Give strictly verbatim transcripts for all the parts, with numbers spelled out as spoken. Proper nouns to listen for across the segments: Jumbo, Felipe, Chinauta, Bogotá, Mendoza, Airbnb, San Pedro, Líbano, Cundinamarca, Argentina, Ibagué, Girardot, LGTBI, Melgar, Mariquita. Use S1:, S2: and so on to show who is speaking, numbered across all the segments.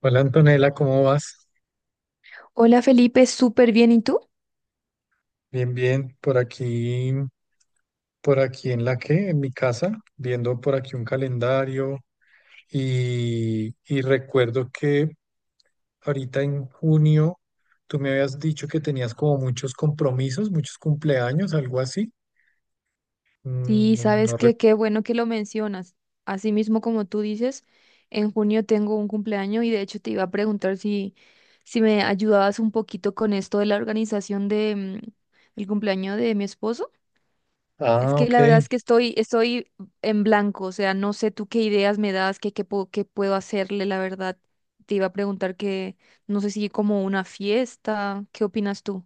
S1: Hola Antonella, ¿cómo vas?
S2: Hola Felipe, súper bien. ¿Y tú?
S1: Bien, bien. Por aquí, por aquí en la que, en mi casa, viendo por aquí un calendario y, y recuerdo que ahorita en junio tú me habías dicho que tenías como muchos compromisos, muchos cumpleaños, algo así. Mm.
S2: Sí,
S1: No,
S2: sabes
S1: no rec-
S2: que qué bueno que lo mencionas. Así mismo como tú dices, en junio tengo un cumpleaños y de hecho te iba a preguntar si, si me ayudabas un poquito con esto de la organización de, mm, el cumpleaños de mi esposo. Es
S1: ah,
S2: que
S1: ok.
S2: la verdad es que estoy, estoy en blanco, o sea, no sé tú qué ideas me das, qué, qué, puedo- qué puedo hacerle, la verdad. Te iba a preguntar que no sé si como una fiesta, ¿qué opinas tú?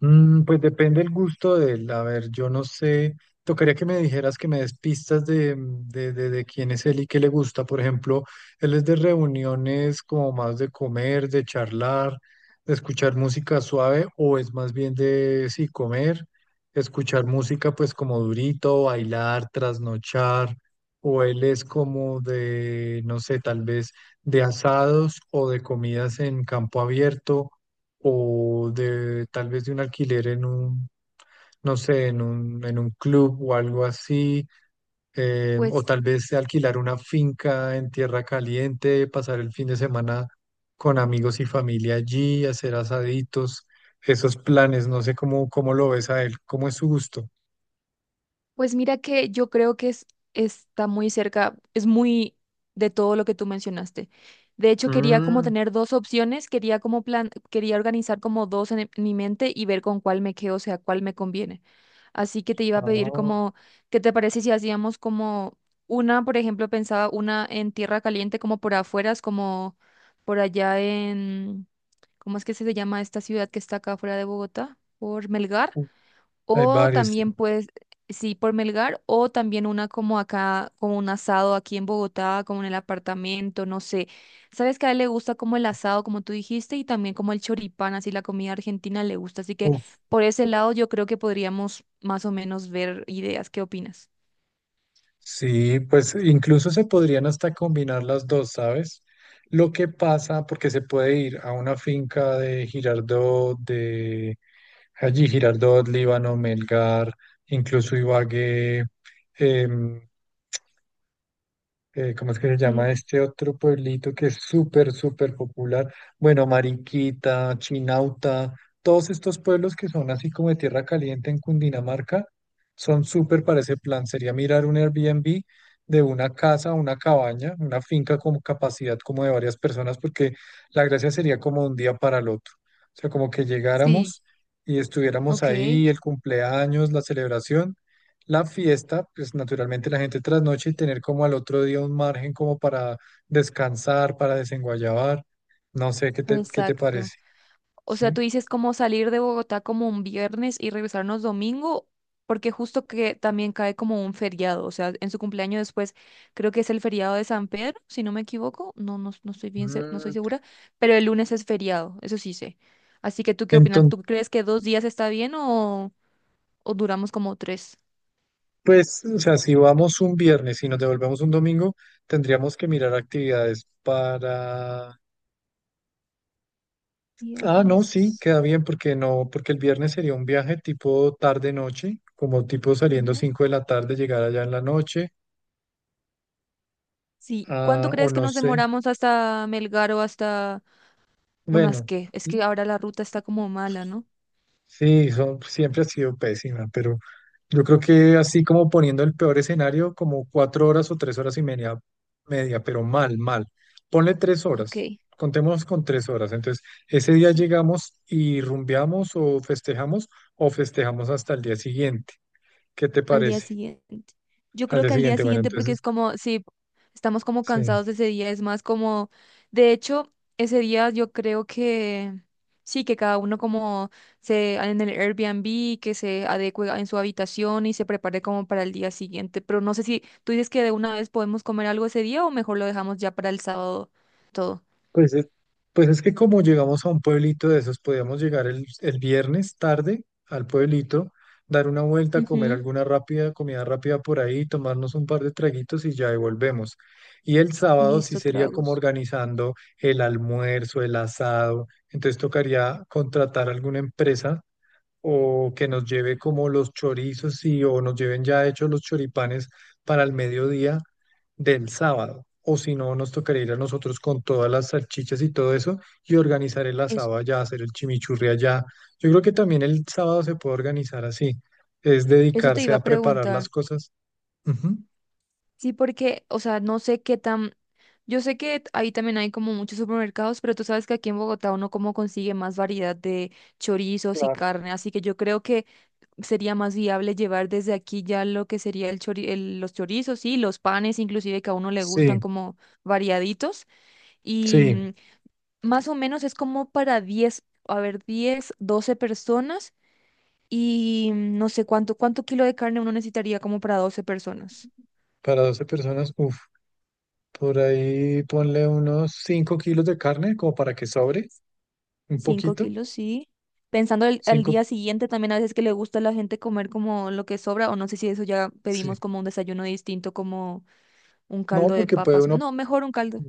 S1: Mm, pues depende el gusto de él. A ver, yo no sé. Tocaría que me dijeras que me des pistas de, mm, de, de, de quién es él y qué le gusta. Por ejemplo, él es de reuniones como más de comer, de charlar, de escuchar música suave, o es más bien de, sí, comer, escuchar música pues como durito, bailar, trasnochar, o él es como de, no sé, tal vez de asados o de comidas en campo abierto o de tal vez de un alquiler en un, no sé, en un, en un club o algo así, eh, o
S2: Pues
S1: tal vez de alquilar una finca en tierra caliente, pasar el fin de semana con amigos y familia allí, hacer asaditos, esos planes, no sé cómo, cómo lo ves a él, cómo es su gusto.
S2: Pues mira que yo creo que es, está muy cerca, es muy de todo lo que tú mencionaste. De hecho, quería como
S1: Mm,
S2: tener dos opciones, quería como plan, quería organizar como dos en, en mi mente y ver con cuál me quedo, o sea, cuál me conviene. Así que te iba a pedir
S1: ah,
S2: como, ¿qué te parece si hacíamos como una? Por ejemplo, pensaba una en tierra caliente, como por afuera, es como por allá en... ¿cómo es que se llama esta ciudad que está acá afuera de Bogotá? Por Melgar.
S1: hay
S2: O
S1: varios, sí.
S2: también puedes, sí, por Melgar, o también una como acá, como un asado aquí en Bogotá, como en el apartamento, no sé. Sabes que a él le gusta como el asado, como tú dijiste, y también como el choripán, así la comida argentina le gusta. Así que
S1: Uf.
S2: por ese lado yo creo que podríamos más o menos ver ideas. ¿Qué opinas?
S1: Sí, pues incluso se podrían hasta combinar las dos, ¿sabes? Lo que pasa, porque se puede ir a una finca de Girardot, de allí Girardot, Líbano, Melgar, incluso Ibagué, em, eh, ¿cómo es que se llama
S2: Melgar.
S1: este otro pueblito que es súper, súper popular? Bueno, Mariquita, Chinauta, todos estos pueblos que son así como de tierra caliente en Cundinamarca, son súper para ese plan. Sería mirar un Airbnb de una casa, una cabaña, una finca con capacidad como de varias personas, porque la gracia sería como de un día para el otro. O sea, como que
S2: Sí,
S1: llegáramos y estuviéramos
S2: ok,
S1: ahí, el cumpleaños, la celebración, la fiesta, pues naturalmente la gente trasnoche y tener como al otro día un margen como para descansar, para desenguayabar. No sé qué te, qué te
S2: exacto.
S1: parece,
S2: O sea,
S1: ¿sí?
S2: tú dices como salir de Bogotá como un viernes y regresarnos domingo, porque justo que también cae como un feriado, o sea, en su cumpleaños después, creo que es el feriado de San Pedro, si no me equivoco. No, no, no estoy bien, se- no estoy
S1: Mm,
S2: segura, pero el lunes es feriado, eso sí sé. Así que tú qué opinas,
S1: Entonces,
S2: ¿tú crees que dos días está bien o, o duramos como tres?
S1: pues, o sea, si vamos un viernes y nos devolvemos un domingo, tendríamos que mirar actividades para... Ah, no, sí,
S2: Viernes,
S1: queda bien porque no, porque el viernes sería un viaje tipo tarde-noche, como tipo saliendo
S2: tarde.
S1: cinco de la tarde, llegar allá en la noche,
S2: Sí, ¿cuánto
S1: ah, o
S2: crees que
S1: no
S2: nos
S1: sé.
S2: demoramos hasta Melgar o hasta unas
S1: Bueno.
S2: qué? Es que ahora la ruta está como mala, ¿no?
S1: Sí, son, siempre ha sido pésima, pero yo creo que así como poniendo el peor escenario, como cuatro horas o tres horas y media, media, pero mal, mal. Ponle tres
S2: Ok,
S1: horas, contemos con tres horas. Entonces, ese día
S2: sí.
S1: llegamos y rumbeamos o festejamos o festejamos hasta el día siguiente. ¿Qué te
S2: Al día
S1: parece?
S2: siguiente. Yo
S1: Al
S2: creo
S1: día
S2: que al día
S1: siguiente, bueno,
S2: siguiente porque es
S1: entonces,
S2: como, sí, estamos como
S1: sí.
S2: cansados de ese día. Es más como, de hecho, ese día yo creo que sí, que cada uno como se en el Airbnb, que se adecue en su habitación y se prepare como para el día siguiente, pero no sé si tú dices que de una vez podemos comer algo ese día o mejor lo dejamos ya para el sábado todo.
S1: Pues es, pues es que como llegamos a un pueblito de esos, podíamos llegar el, el viernes tarde al pueblito, dar una vuelta, comer
S2: Ujú.
S1: alguna rápida, comida rápida por ahí, tomarnos un par de traguitos y ya devolvemos. Y el sábado sí
S2: Listo,
S1: sería como
S2: tragos.
S1: organizando el almuerzo, el asado. Entonces tocaría contratar alguna empresa o que nos lleve como los chorizos y o nos lleven ya hechos los choripanes para el mediodía del sábado. O si no, nos tocaría ir a nosotros con todas las salchichas y todo eso y organizar el
S2: Eso,
S1: asado allá, hacer el chimichurri allá. Yo creo que también el sábado se puede organizar así, es
S2: eso te
S1: dedicarse
S2: iba a
S1: a preparar
S2: preguntar.
S1: las cosas. Ujú.
S2: Sí, porque, o sea, no sé qué tan. Yo sé que ahí también hay como muchos supermercados, pero tú sabes que aquí en Bogotá uno como consigue más variedad de chorizos y
S1: Claro.
S2: carne, así que yo creo que sería más viable llevar desde aquí ya lo que sería el chori- el- los chorizos y los panes, inclusive que a uno le gustan
S1: Sí,
S2: como variaditos. Y
S1: sí,
S2: mm, más o menos es como para diez, a ver, diez, doce personas y mm, no sé cuánto, cuánto kilo de carne uno necesitaría como para doce personas.
S1: para doce personas, uff, por ahí ponle unos cinco kilos de carne como para que sobre un
S2: Cinco
S1: poquito,
S2: kilos, sí. Pensando el- al
S1: cinco.
S2: día siguiente también, a veces que le gusta a la gente comer como lo que sobra, o no sé si eso ya pedimos como un desayuno distinto, como un
S1: No,
S2: caldo de
S1: porque puede
S2: papas.
S1: uno,
S2: No, mejor un caldo.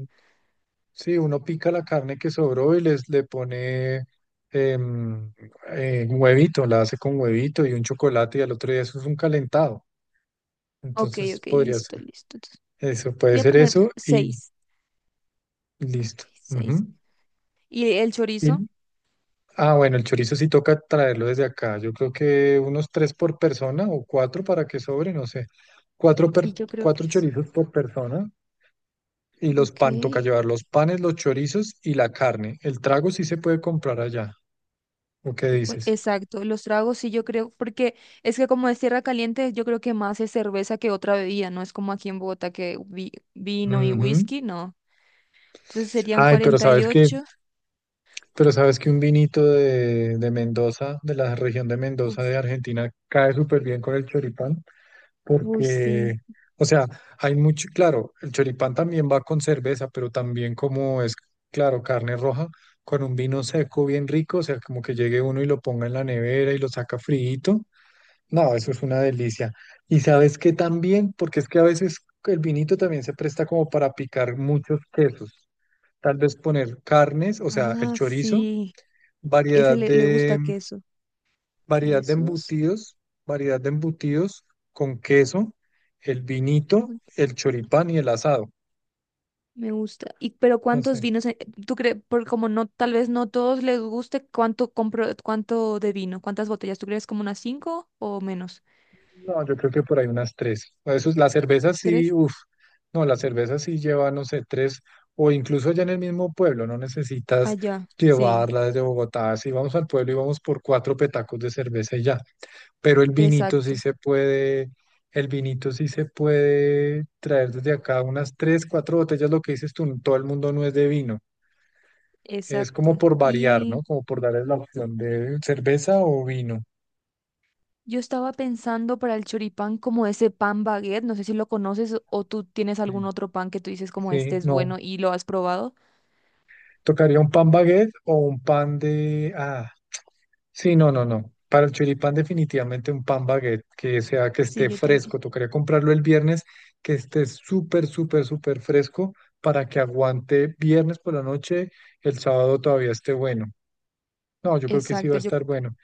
S1: sí, uno pica la carne que sobró y les le pone em, eh, un huevito, la hace con huevito y un chocolate y al otro día eso es un calentado.
S2: Ok,
S1: Entonces
S2: ok,
S1: podría
S2: listo,
S1: ser
S2: listo. Entonces,
S1: eso, puede
S2: voy a
S1: ser
S2: poner
S1: eso y
S2: seis. Ok,
S1: listo.
S2: seis.
S1: Ujú.
S2: ¿Y el chorizo?
S1: Y- ah, bueno, el chorizo sí toca traerlo desde acá. Yo creo que unos tres por persona o cuatro para que sobre, no sé. Cuatro, per-
S2: Sí, yo creo que
S1: cuatro
S2: es.
S1: chorizos por persona. Y los
S2: Ok,
S1: pan, toca llevar los panes, los chorizos y la carne. El trago sí se puede comprar allá. ¿O
S2: ok,
S1: qué
S2: cua-
S1: dices?
S2: exacto. Los tragos sí, yo creo, porque es que como es tierra caliente, yo creo que más es cerveza que otra bebida, no es como aquí en Bogotá que vi- vino y
S1: Ujú.
S2: whisky, no. Entonces serían
S1: Ay, pero sabes que,
S2: cuarenta y ocho.
S1: pero sabes que un vinito de, de Mendoza, de la región de Mendoza
S2: Uf,
S1: de Argentina, cae súper bien con el choripán,
S2: uy,
S1: porque,
S2: sí.
S1: o sea, hay mucho, claro, el choripán también va con cerveza, pero también como es, claro, carne roja, con un vino seco bien rico, o sea, como que llegue uno y lo ponga en la nevera y lo saca friito. No, eso es una delicia. Y sabes que también, porque es que a veces el vinito también se presta como para picar muchos quesos. Tal vez poner carnes, o sea, el
S2: Ah,
S1: chorizo,
S2: sí. Ese
S1: variedad
S2: le, le gusta
S1: de,
S2: queso.
S1: variedad de
S2: Quesos.
S1: embutidos, variedad de embutidos con queso, el vinito,
S2: mm,
S1: el choripán y el asado.
S2: Me gusta. ¿Y pero
S1: No
S2: cuántos
S1: sé.
S2: vinos? eh, ¿Tú crees? Por como no, tal vez no todos les guste, ¿cuánto compro, cuánto de vino? ¿Cuántas botellas? ¿Tú crees como unas cinco o menos?
S1: No, yo creo que por ahí unas tres. Eso, es- la cerveza sí,
S2: ¿Tres?
S1: uff, no, la cerveza sí lleva, no sé, tres, o incluso allá en el mismo pueblo, no necesitas
S2: Allá. Sí.
S1: llevarla desde Bogotá. Si vamos al pueblo y vamos por cuatro petacos de cerveza y ya. Pero el vinito
S2: Exacto.
S1: sí se puede, el vinito sí se puede traer desde acá unas tres, cuatro botellas, lo que dices tú, todo el mundo no es de vino. Es como
S2: Exacto.
S1: por variar,
S2: Y
S1: ¿no? Como por darles la opción de cerveza o vino.
S2: yo estaba pensando para el choripán como ese pan baguette. No sé si lo conoces o tú tienes
S1: Mm.
S2: algún otro pan que tú dices como este
S1: Sí,
S2: es
S1: no,
S2: bueno y lo has probado.
S1: tocaría un pan baguette o un pan de... Ah, sí, no, no, no. Para el choripán definitivamente un pan baguette, que sea que
S2: Sí,
S1: esté
S2: yo también.
S1: fresco. Tocaría comprarlo el viernes, que esté súper, súper, súper fresco para que aguante viernes por la noche, el sábado todavía esté bueno. No, yo creo que sí va
S2: Exacto,
S1: a
S2: yo
S1: estar bueno.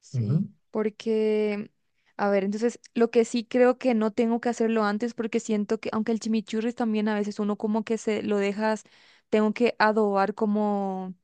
S2: sí,
S1: Ujú,
S2: porque, a ver, entonces lo que sí creo que no tengo que hacerlo antes porque siento que, aunque el chimichurri también a veces uno como que se lo dejas, tengo que adobar como,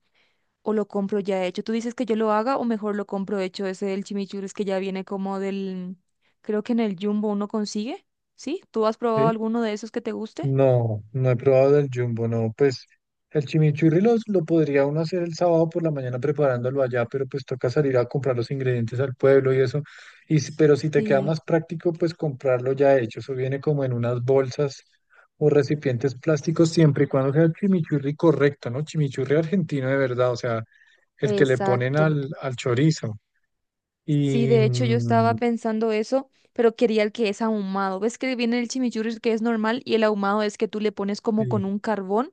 S2: o lo compro ya hecho. ¿Tú dices que yo lo haga o mejor lo compro hecho? Ese el chimichurri que ya viene como del, creo que en el Jumbo uno consigue, ¿sí? ¿Tú has probado
S1: sí.
S2: alguno de esos que te guste?
S1: No, no he probado del Jumbo, no. Pues el chimichurri los- lo podría uno hacer el sábado por la mañana preparándolo allá, pero pues toca salir a comprar los ingredientes al pueblo y eso. Y, si- pero si te queda
S2: Sí,
S1: más práctico, pues comprarlo ya hecho. Eso viene como en unas bolsas o recipientes plásticos siempre y cuando sea el chimichurri correcto, ¿no? Chimichurri argentino de verdad, o sea, el que le ponen
S2: exacto.
S1: al, al chorizo.
S2: Sí,
S1: Y...
S2: de hecho yo estaba
S1: mm,
S2: pensando eso, pero quería el que es ahumado. ¿Ves que viene el chimichurri que es normal, y el ahumado es que tú le pones como
S1: sí.
S2: con un carbón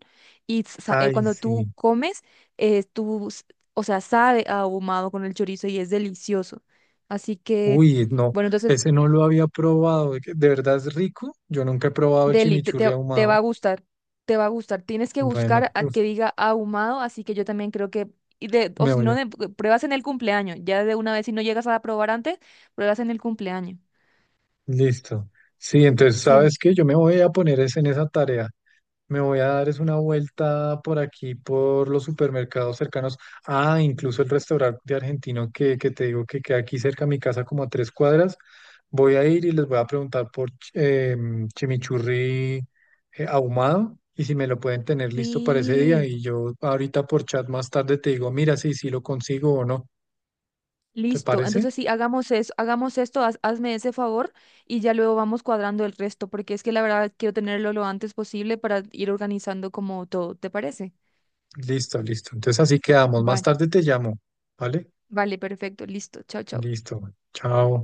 S2: y sa- eh,
S1: Ay,
S2: cuando tú
S1: sí.
S2: comes, eh, tú, s- o sea, sabe a ahumado con el chorizo y es delicioso. Así que,
S1: Uy, no,
S2: bueno, entonces,
S1: ese no lo había probado. ¿De qué- de verdad es rico? Yo nunca he probado el
S2: Deli, te,
S1: chimichurri
S2: te- te va a
S1: ahumado.
S2: gustar, te va a gustar. Tienes que
S1: Bueno,
S2: buscar a
S1: uf,
S2: que diga ahumado, así que yo también creo que. Y de, o
S1: me
S2: si
S1: voy
S2: no,
S1: a...
S2: de- pruebas en el cumpleaños, ya de una vez. Si no llegas a probar antes, pruebas en el cumpleaños.
S1: listo. Sí, entonces, ¿sabes qué? Yo me voy a poner es en esa tarea. Me voy a dar es una vuelta por aquí, por los supermercados cercanos. Ah, incluso el restaurante argentino que, que te digo que queda aquí cerca de mi casa, como a tres cuadras. Voy a ir y les voy a preguntar por ch- em, chimichurri eh, ahumado y si me lo pueden tener listo para ese día.
S2: Sí,
S1: Y yo ahorita por chat más tarde te digo, mira, si, si lo consigo o no. ¿Te
S2: listo.
S1: parece?
S2: Entonces sí, hagamos eso, hagamos esto, haz- hazme ese favor y ya luego vamos cuadrando el resto, porque es que la verdad quiero tenerlo lo antes posible para ir organizando como todo. ¿Te parece?
S1: Listo, listo. Entonces así quedamos. Más
S2: Vale,
S1: tarde te llamo, ¿vale?
S2: vale, perfecto, listo. Chao, chao.
S1: Listo. Chao.